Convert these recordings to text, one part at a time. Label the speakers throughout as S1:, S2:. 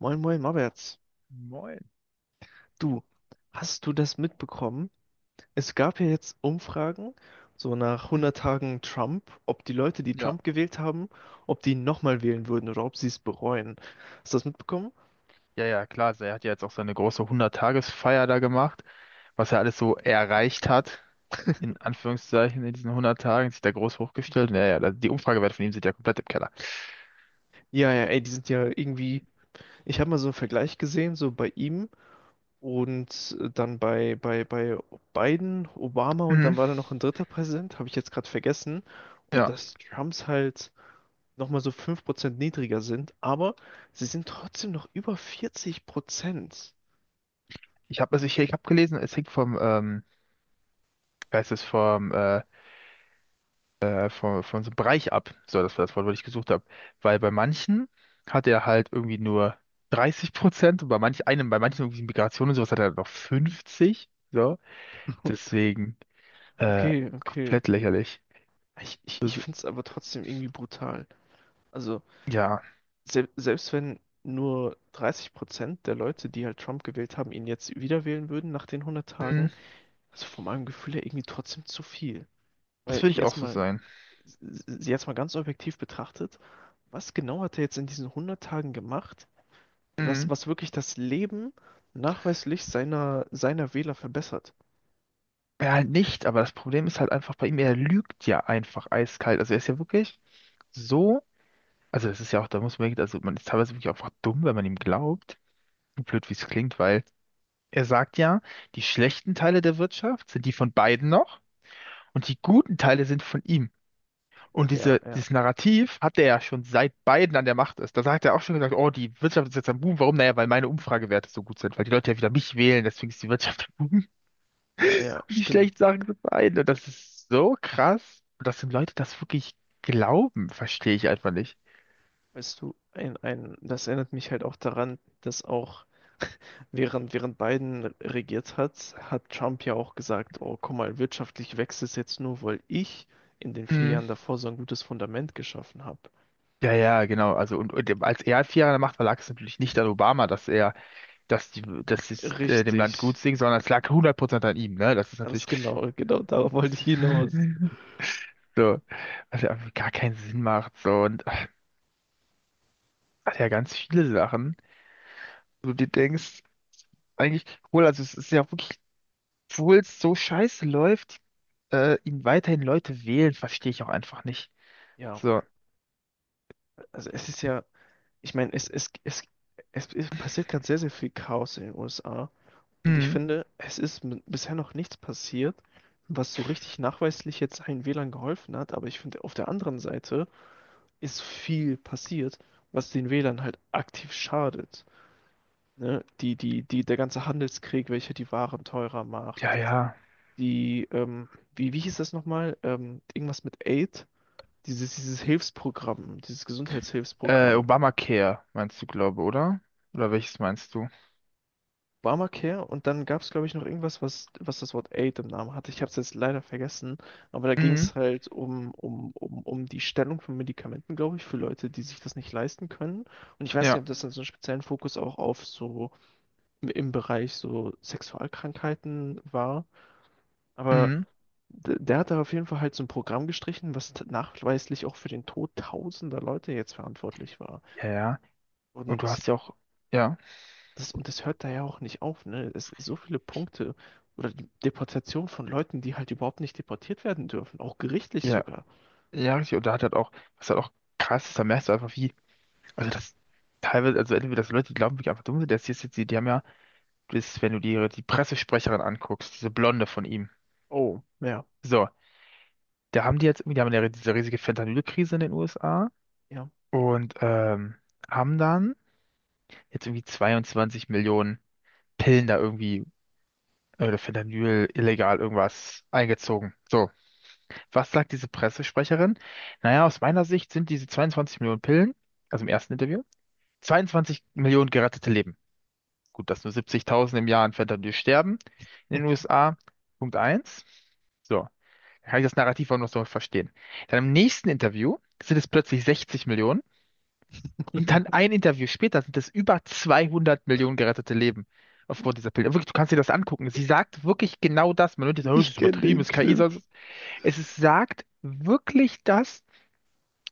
S1: Moin, moin, Maberts.
S2: Moin.
S1: Du, hast du das mitbekommen? Es gab ja jetzt Umfragen, so nach
S2: Hm.
S1: 100 Tagen Trump, ob die Leute, die
S2: Ja,
S1: Trump gewählt haben, ob die ihn nochmal wählen würden oder ob sie es bereuen. Hast du das mitbekommen?
S2: ja, ja, klar. Also er hat ja jetzt auch seine große 100 Feier da gemacht, was er alles so erreicht hat, in Anführungszeichen, in diesen 100 Tagen, sich da groß hochgestellt. Naja, ja, die Umfragewerte von ihm sind ja komplett im Keller.
S1: Ja, ja, ey, die sind ja irgendwie, ich habe mal so einen Vergleich gesehen, so bei ihm und dann bei, bei Biden, Obama und
S2: Mhm.
S1: dann war da noch ein dritter Präsident, habe ich jetzt gerade vergessen. Und
S2: Ja,
S1: dass Trumps halt nochmal so 5% niedriger sind, aber sie sind trotzdem noch über 40%.
S2: ich habe also ich habe gelesen, es hängt vom, wie heißt es, von so einem Bereich ab. So, das war das Wort, was ich gesucht habe. Weil bei manchen hat er halt irgendwie nur 30% und bei manchen irgendwie Migration und sowas hat er halt noch 50. So, deswegen. Äh,
S1: Okay, okay.
S2: Komplett lächerlich.
S1: Ich
S2: Das,
S1: finde es aber trotzdem irgendwie brutal. Also,
S2: ja,
S1: selbst wenn nur 30% der Leute, die halt Trump gewählt haben, ihn jetzt wieder wählen würden nach den hundert
S2: hm.
S1: Tagen, also von meinem Gefühl her irgendwie trotzdem zu viel.
S2: Das
S1: Weil
S2: würde ich auch
S1: jetzt
S2: so
S1: mal,
S2: sein.
S1: s- jetzt mal ganz objektiv betrachtet, was genau hat er jetzt in diesen hundert Tagen gemacht,
S2: Hm.
S1: was wirklich das Leben nachweislich seiner Wähler verbessert?
S2: Ja, halt nicht, aber das Problem ist halt einfach bei ihm, er lügt ja einfach eiskalt. Also er ist ja wirklich so, also das ist ja auch, da muss man wirklich, also man ist teilweise wirklich einfach dumm, wenn man ihm glaubt. So blöd, wie es klingt, weil er sagt ja, die schlechten Teile der Wirtschaft sind die von beiden noch und die guten Teile sind von ihm. Und
S1: Ja, ja,
S2: dieses Narrativ hat er ja schon, seit Biden an der Macht ist. Da hat er auch schon gesagt, oh, die Wirtschaft ist jetzt am Boom. Warum? Naja, weil meine Umfragewerte so gut sind, weil die Leute ja wieder mich wählen, deswegen ist die Wirtschaft am Boom.
S1: ja, ja,
S2: Und die
S1: stimmt.
S2: schlechten Sachen sind Biden. Und das ist so krass. Und dass die Leute das wirklich glauben, verstehe ich einfach nicht.
S1: Weißt du, das erinnert mich halt auch daran, dass auch während Biden regiert hat, hat Trump ja auch gesagt, oh, guck mal, wirtschaftlich wächst es jetzt nur, weil ich in den vier
S2: Mhm.
S1: Jahren davor so ein gutes Fundament geschaffen habe.
S2: Ja, ja, genau. Also und als er 4 Jahre an der Macht war, lag es natürlich nicht an Obama, dass er, dass die, dass es dem Land
S1: Richtig,
S2: gut ging, sondern es lag 100% an ihm, ne? Das ist natürlich.
S1: ganz genau, genau darauf wollte ich hinaus.
S2: So, was ja irgendwie gar keinen Sinn macht. So, und ach, hat ja ganz viele Sachen, wo du denkst, eigentlich, cool, also es ist ja wirklich, obwohl es so scheiße läuft, ihn weiterhin Leute wählen, verstehe ich auch einfach nicht.
S1: Ja,
S2: So,
S1: also es ist ja, ich meine, es passiert gerade sehr, sehr viel Chaos in den USA. Und ich
S2: hm,
S1: finde, es ist bisher noch nichts passiert, was so richtig nachweislich jetzt allen WLAN geholfen hat. Aber ich finde, auf der anderen Seite ist viel passiert, was den WLAN halt aktiv schadet. Ne? Der ganze Handelskrieg, welcher die Waren teurer
S2: ja,
S1: macht.
S2: ja.
S1: Die, wie, wie hieß das nochmal? Irgendwas mit Aid? Dieses Hilfsprogramm, dieses Gesundheitshilfsprogramm,
S2: Obamacare meinst du, glaube, oder? Oder welches meinst du?
S1: Obamacare und dann gab es, glaube ich, noch irgendwas, was das Wort Aid im Namen hatte. Ich habe es jetzt leider vergessen, aber da ging
S2: Mhm,
S1: es halt um die Stellung von Medikamenten, glaube ich, für Leute, die sich das nicht leisten können. Und ich weiß nicht,
S2: ja,
S1: ob das dann so einen speziellen Fokus auch auf so im Bereich so Sexualkrankheiten war, aber
S2: mhm,
S1: der hat da auf jeden Fall halt so ein Programm gestrichen, was nachweislich auch für den Tod tausender Leute jetzt verantwortlich war.
S2: ja, ja. Und du
S1: Und
S2: hast ja auch, ja,
S1: das, und das hört da ja auch nicht auf, ne? Es so viele Punkte oder die Deportation von Leuten, die halt überhaupt nicht deportiert werden dürfen, auch gerichtlich
S2: ja,
S1: sogar.
S2: ja, richtig. Und da hat halt auch, was halt auch krass ist, da merkst du einfach, wie, also das teilweise, also entweder, dass Leute die glauben, wirklich einfach dumm sind, das hier ist jetzt, die haben ja ist, wenn du dir die Pressesprecherin anguckst, diese Blonde von ihm.
S1: Oh, ja,
S2: So, da haben die jetzt, irgendwie, die haben ja diese riesige Fentanyl-Krise in den USA
S1: ja.
S2: und haben dann jetzt irgendwie 22 Millionen Pillen da irgendwie oder Fentanyl illegal irgendwas eingezogen. So, was sagt diese Pressesprecherin? Naja, aus meiner Sicht sind diese 22 Millionen Pillen, also im ersten Interview, 22 Millionen gerettete Leben. Gut, dass nur 70.000 im Jahr an Fentanyl sterben in den USA. Punkt eins. So, kann ich das Narrativ auch noch so verstehen. Dann im nächsten Interview sind es plötzlich 60 Millionen und dann ein Interview später sind es über 200 Millionen gerettete Leben aufgrund dieser Bilder. Wirklich, du kannst dir das angucken. Sie sagt wirklich genau das. Man hört jetzt, oh, es
S1: Ich
S2: ist
S1: kenne
S2: übertrieben,
S1: den
S2: es ist KI.
S1: Clip.
S2: Sonst Es ist, sagt wirklich das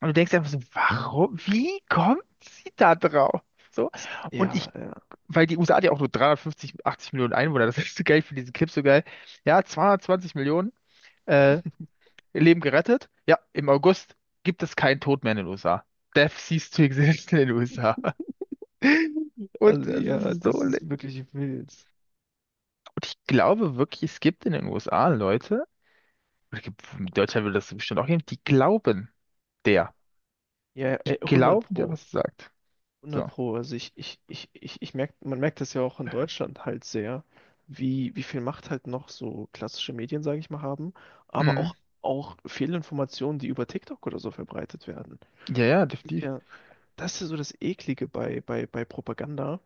S2: und du denkst einfach so, warum, wie kommt sie da drauf? So.
S1: Es,
S2: Und ich,
S1: ja, ja,
S2: weil die USA hat ja auch nur 350, 80 Millionen Einwohner, das ist so geil, für diesen Clip so geil. Ja, 220 Millionen. Äh, Ihr Leben gerettet. Ja, im August gibt es keinen Tod mehr in den USA. Death ceased to exist in den USA. Und
S1: also
S2: das
S1: ja,
S2: ist
S1: das
S2: so.
S1: ist wirklich wild.
S2: Und ich glaube wirklich, es gibt in den USA Leute, in Deutschland würde das bestimmt auch geben, die glauben
S1: Ja.
S2: der.
S1: Ja,
S2: Die
S1: 100
S2: glauben der,
S1: Pro.
S2: was sagt.
S1: Hundert
S2: So.
S1: Pro. Also ich merk, man merkt das ja auch in Deutschland halt sehr, wie viel Macht halt noch so klassische Medien, sage ich mal, haben, aber
S2: Mhm.
S1: auch, auch Fehlinformationen, die über TikTok oder so verbreitet werden.
S2: Ja, ja,
S1: Ist
S2: definitiv.
S1: Ja, das ist ja so das Eklige bei Propaganda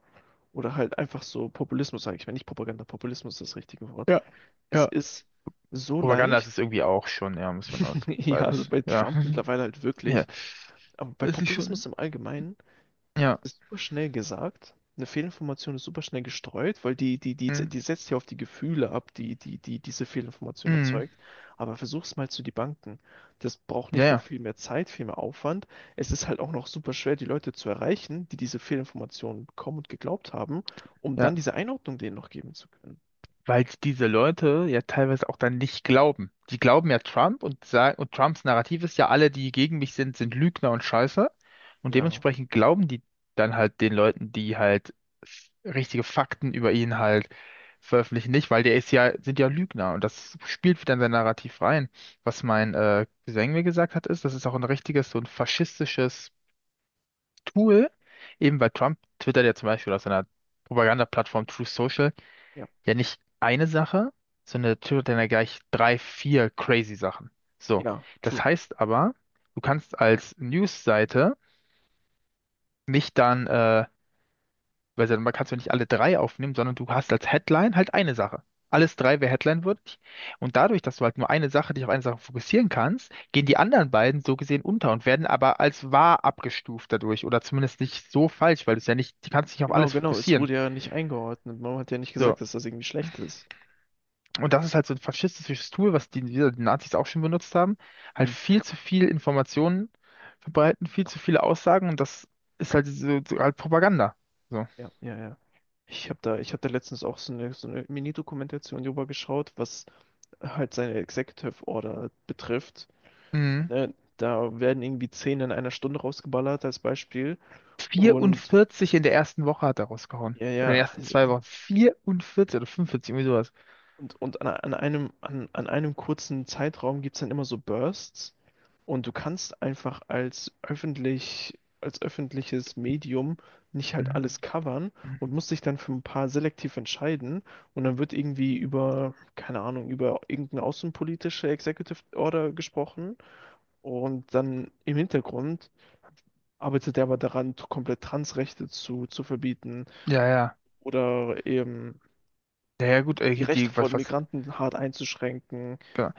S1: oder halt einfach so Populismus, sage ich mal. Nicht Propaganda, Populismus ist das richtige Wort.
S2: Ja,
S1: Es
S2: ja.
S1: ist so
S2: Propaganda ist es
S1: leicht,
S2: irgendwie auch schon, ja, muss man aus.
S1: ja, also
S2: Beides.
S1: bei
S2: Ja.
S1: Trump mittlerweile halt
S2: Ja.
S1: wirklich, aber bei
S2: Es ist
S1: Populismus
S2: schon.
S1: im Allgemeinen.
S2: Ja.
S1: Das ist super schnell gesagt. Eine Fehlinformation ist super schnell gestreut, weil die, die, die,
S2: Mhm.
S1: die setzt ja auf die Gefühle ab, die diese Fehlinformation
S2: Mhm.
S1: erzeugt. Aber versuch's mal zu debunken. Das braucht
S2: Ja,
S1: nicht nur
S2: ja.
S1: viel mehr Zeit, viel mehr Aufwand. Es ist halt auch noch super schwer, die Leute zu erreichen, die diese Fehlinformationen bekommen und geglaubt haben, um dann
S2: Ja.
S1: diese Einordnung denen noch geben zu können.
S2: Weil diese Leute ja teilweise auch dann nicht glauben. Die glauben ja Trump und sagen, und Trumps Narrativ ist ja, alle, die gegen mich sind, sind Lügner und Scheiße. Und
S1: Ja,
S2: dementsprechend glauben die dann halt den Leuten, die halt f- richtige Fakten über ihn halt veröffentlichen, nicht, weil der ist ja, sind ja Lügner und das spielt wieder in sein Narrativ rein. Was mein Cousin mir gesagt hat, ist, das ist auch ein richtiges, so ein faschistisches Tool, eben weil Trump twittert ja zum Beispiel auf seiner Propagandaplattform Truth Social,
S1: ja,
S2: ja, nicht eine Sache, sondern der Typ hat dann ja gleich drei, vier crazy Sachen. So,
S1: ja,
S2: das
S1: true.
S2: heißt aber, du kannst als News-Seite nicht dann, weil man kannst du nicht alle drei aufnehmen, sondern du hast als Headline halt eine Sache. Alles drei wäre Headline-würdig. Und dadurch, dass du halt nur eine Sache, dich auf eine Sache fokussieren kannst, gehen die anderen beiden so gesehen unter und werden aber als wahr abgestuft dadurch oder zumindest nicht so falsch, weil du es ja nicht, du kannst dich auf
S1: Genau,
S2: alles
S1: genau. Es
S2: fokussieren.
S1: wurde ja nicht eingeordnet. Man hat ja nicht
S2: So,
S1: gesagt, dass das irgendwie schlecht ist.
S2: und das ist halt so ein faschistisches Tool, was die Nazis auch schon benutzt haben. Halt
S1: Hm.
S2: viel zu viel Informationen verbreiten, viel zu viele Aussagen und das ist halt, so, so halt Propaganda. So.
S1: Ja, ja, ja. Ich hab da letztens auch so eine Mini-Dokumentation drüber geschaut, was halt seine Executive Order betrifft.
S2: Mhm.
S1: Ne? Da werden irgendwie zehn in einer Stunde rausgeballert als Beispiel. Und
S2: 44 in der ersten Woche hat er rausgehauen.
S1: ja,
S2: Oder
S1: ja,
S2: in den ersten zwei Wochen. 44 oder 45, irgendwie sowas.
S1: und an, an einem kurzen Zeitraum gibt es dann immer so Bursts. Und du kannst einfach als als öffentliches Medium nicht halt
S2: Mhm.
S1: alles covern
S2: Mhm.
S1: und musst dich dann für ein paar selektiv entscheiden. Und dann wird irgendwie über, keine Ahnung, über irgendeine außenpolitische Executive Order gesprochen. Und dann im Hintergrund arbeitet er aber daran, komplett Transrechte zu verbieten
S2: Ja, ja.
S1: oder eben
S2: Ja, ja, gut,
S1: die Rechte von Migranten hart einzuschränken.
S2: genau.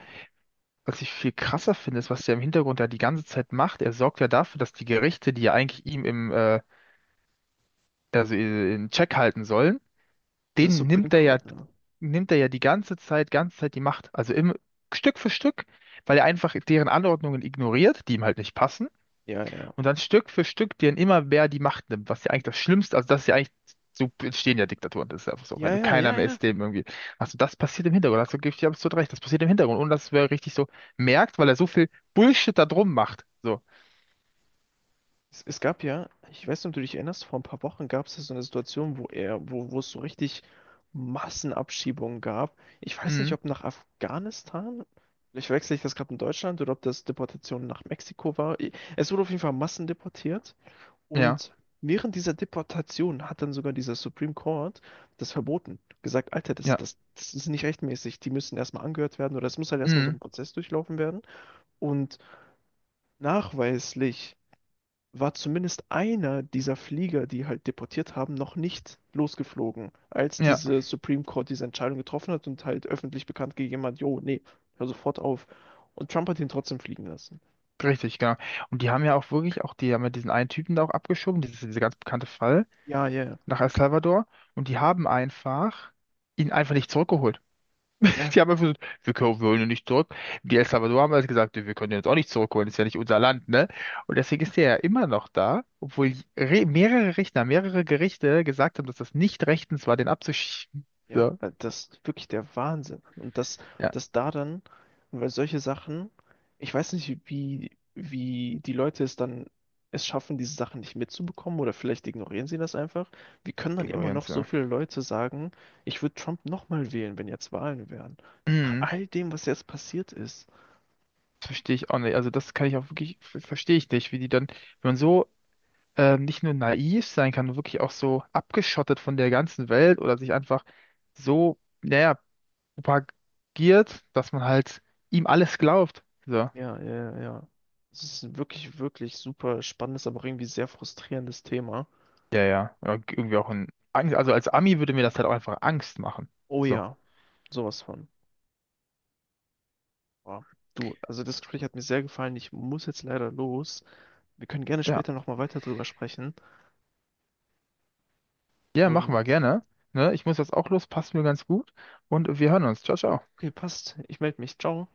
S2: Was ich viel krasser finde, ist, was der im Hintergrund ja die ganze Zeit macht. Er sorgt ja dafür, dass die Gerichte, die ja eigentlich ihm also in Check halten sollen,
S1: Dieser
S2: den
S1: Supreme
S2: nimmt er ja,
S1: Court, ne?
S2: die ganze Zeit die Macht. Also im, Stück für Stück, weil er einfach deren Anordnungen ignoriert, die ihm halt nicht passen.
S1: Ja, ja, ja.
S2: Und dann Stück für Stück denen immer mehr die Macht nimmt, was ja eigentlich das Schlimmste, also das ist ja eigentlich, so entstehen ja Diktaturen, das ist einfach so, wenn
S1: Ja,
S2: du
S1: ja,
S2: keiner
S1: ja,
S2: mehr
S1: ja.
S2: ist, dem irgendwie, also das passiert im Hintergrund, hast du gebe ich dir absolut recht, das passiert im Hintergrund, ohne dass wer richtig so merkt, weil er so viel Bullshit da drum macht. So,
S1: Es gab ja, ich weiß nicht, ob du dich erinnerst, vor ein paar Wochen gab es ja so eine Situation, wo es so richtig Massenabschiebungen gab. Ich weiß nicht,
S2: mhm.
S1: ob nach Afghanistan, vielleicht wechsle ich das gerade in Deutschland oder ob das Deportation nach Mexiko war. Es wurde auf jeden Fall massendeportiert
S2: Ja,
S1: und während dieser Deportation hat dann sogar dieser Supreme Court das verboten. Gesagt, Alter,
S2: ja,
S1: das ist nicht rechtmäßig. Die müssen erstmal angehört werden oder es muss halt erstmal so
S2: mhm.
S1: ein Prozess durchlaufen werden. Und nachweislich war zumindest einer dieser Flieger, die halt deportiert haben, noch nicht losgeflogen, als
S2: Ja.
S1: diese Supreme Court diese Entscheidung getroffen hat und halt öffentlich bekannt gegeben hat, jo, nee, hör sofort auf. Und Trump hat ihn trotzdem fliegen lassen.
S2: Richtig, genau. Und die haben ja auch wirklich, auch die haben ja diesen einen Typen da auch abgeschoben, dieser ganz bekannte Fall
S1: Ja, ja,
S2: nach El Salvador. Und die haben einfach ihn einfach nicht zurückgeholt.
S1: ja.
S2: Die haben einfach gesagt, wir holen ihn nicht zurück. Die El Salvador haben also gesagt, wir können ihn jetzt auch nicht zurückholen, ist ja nicht unser Land, ne? Und deswegen ist der ja immer noch da, obwohl re mehrere Richter, mehrere Gerichte gesagt haben, dass das nicht rechtens war, den abzuschieben.
S1: Ja,
S2: So,
S1: weil das ist wirklich der Wahnsinn. Und das,
S2: ja,
S1: das da dann, und weil solche Sachen, ich weiß nicht, wie die Leute es schaffen, diese Sachen nicht mitzubekommen oder vielleicht ignorieren sie das einfach. Wie können dann immer noch
S2: Ignoranz,
S1: so
S2: ja.
S1: viele Leute sagen, ich würde Trump nochmal wählen, wenn jetzt Wahlen wären? Nach
S2: Mhm.
S1: all dem, was jetzt passiert ist.
S2: Das verstehe ich auch nicht. Also das kann ich auch wirklich, verstehe ich nicht, wie die dann, wenn man so nicht nur naiv sein kann, sondern wirklich auch so abgeschottet von der ganzen Welt oder sich einfach so, naja, propagiert, dass man halt ihm alles glaubt. So.
S1: Ja, ja, ja. Es ist ein wirklich, wirklich super spannendes, aber auch irgendwie sehr frustrierendes Thema.
S2: Ja, ja. Ja, irgendwie auch ein Angst. Also als Ami würde mir das halt auch einfach Angst machen.
S1: Oh
S2: So.
S1: ja, sowas von. Boah. Du, also das Gespräch hat mir sehr gefallen. Ich muss jetzt leider los. Wir können gerne
S2: Ja.
S1: später nochmal weiter drüber sprechen.
S2: Ja, machen wir
S1: Und
S2: gerne. Ne? Ich muss jetzt auch los, passt mir ganz gut. Und wir hören uns. Ciao, ciao.
S1: okay, passt. Ich melde mich. Ciao.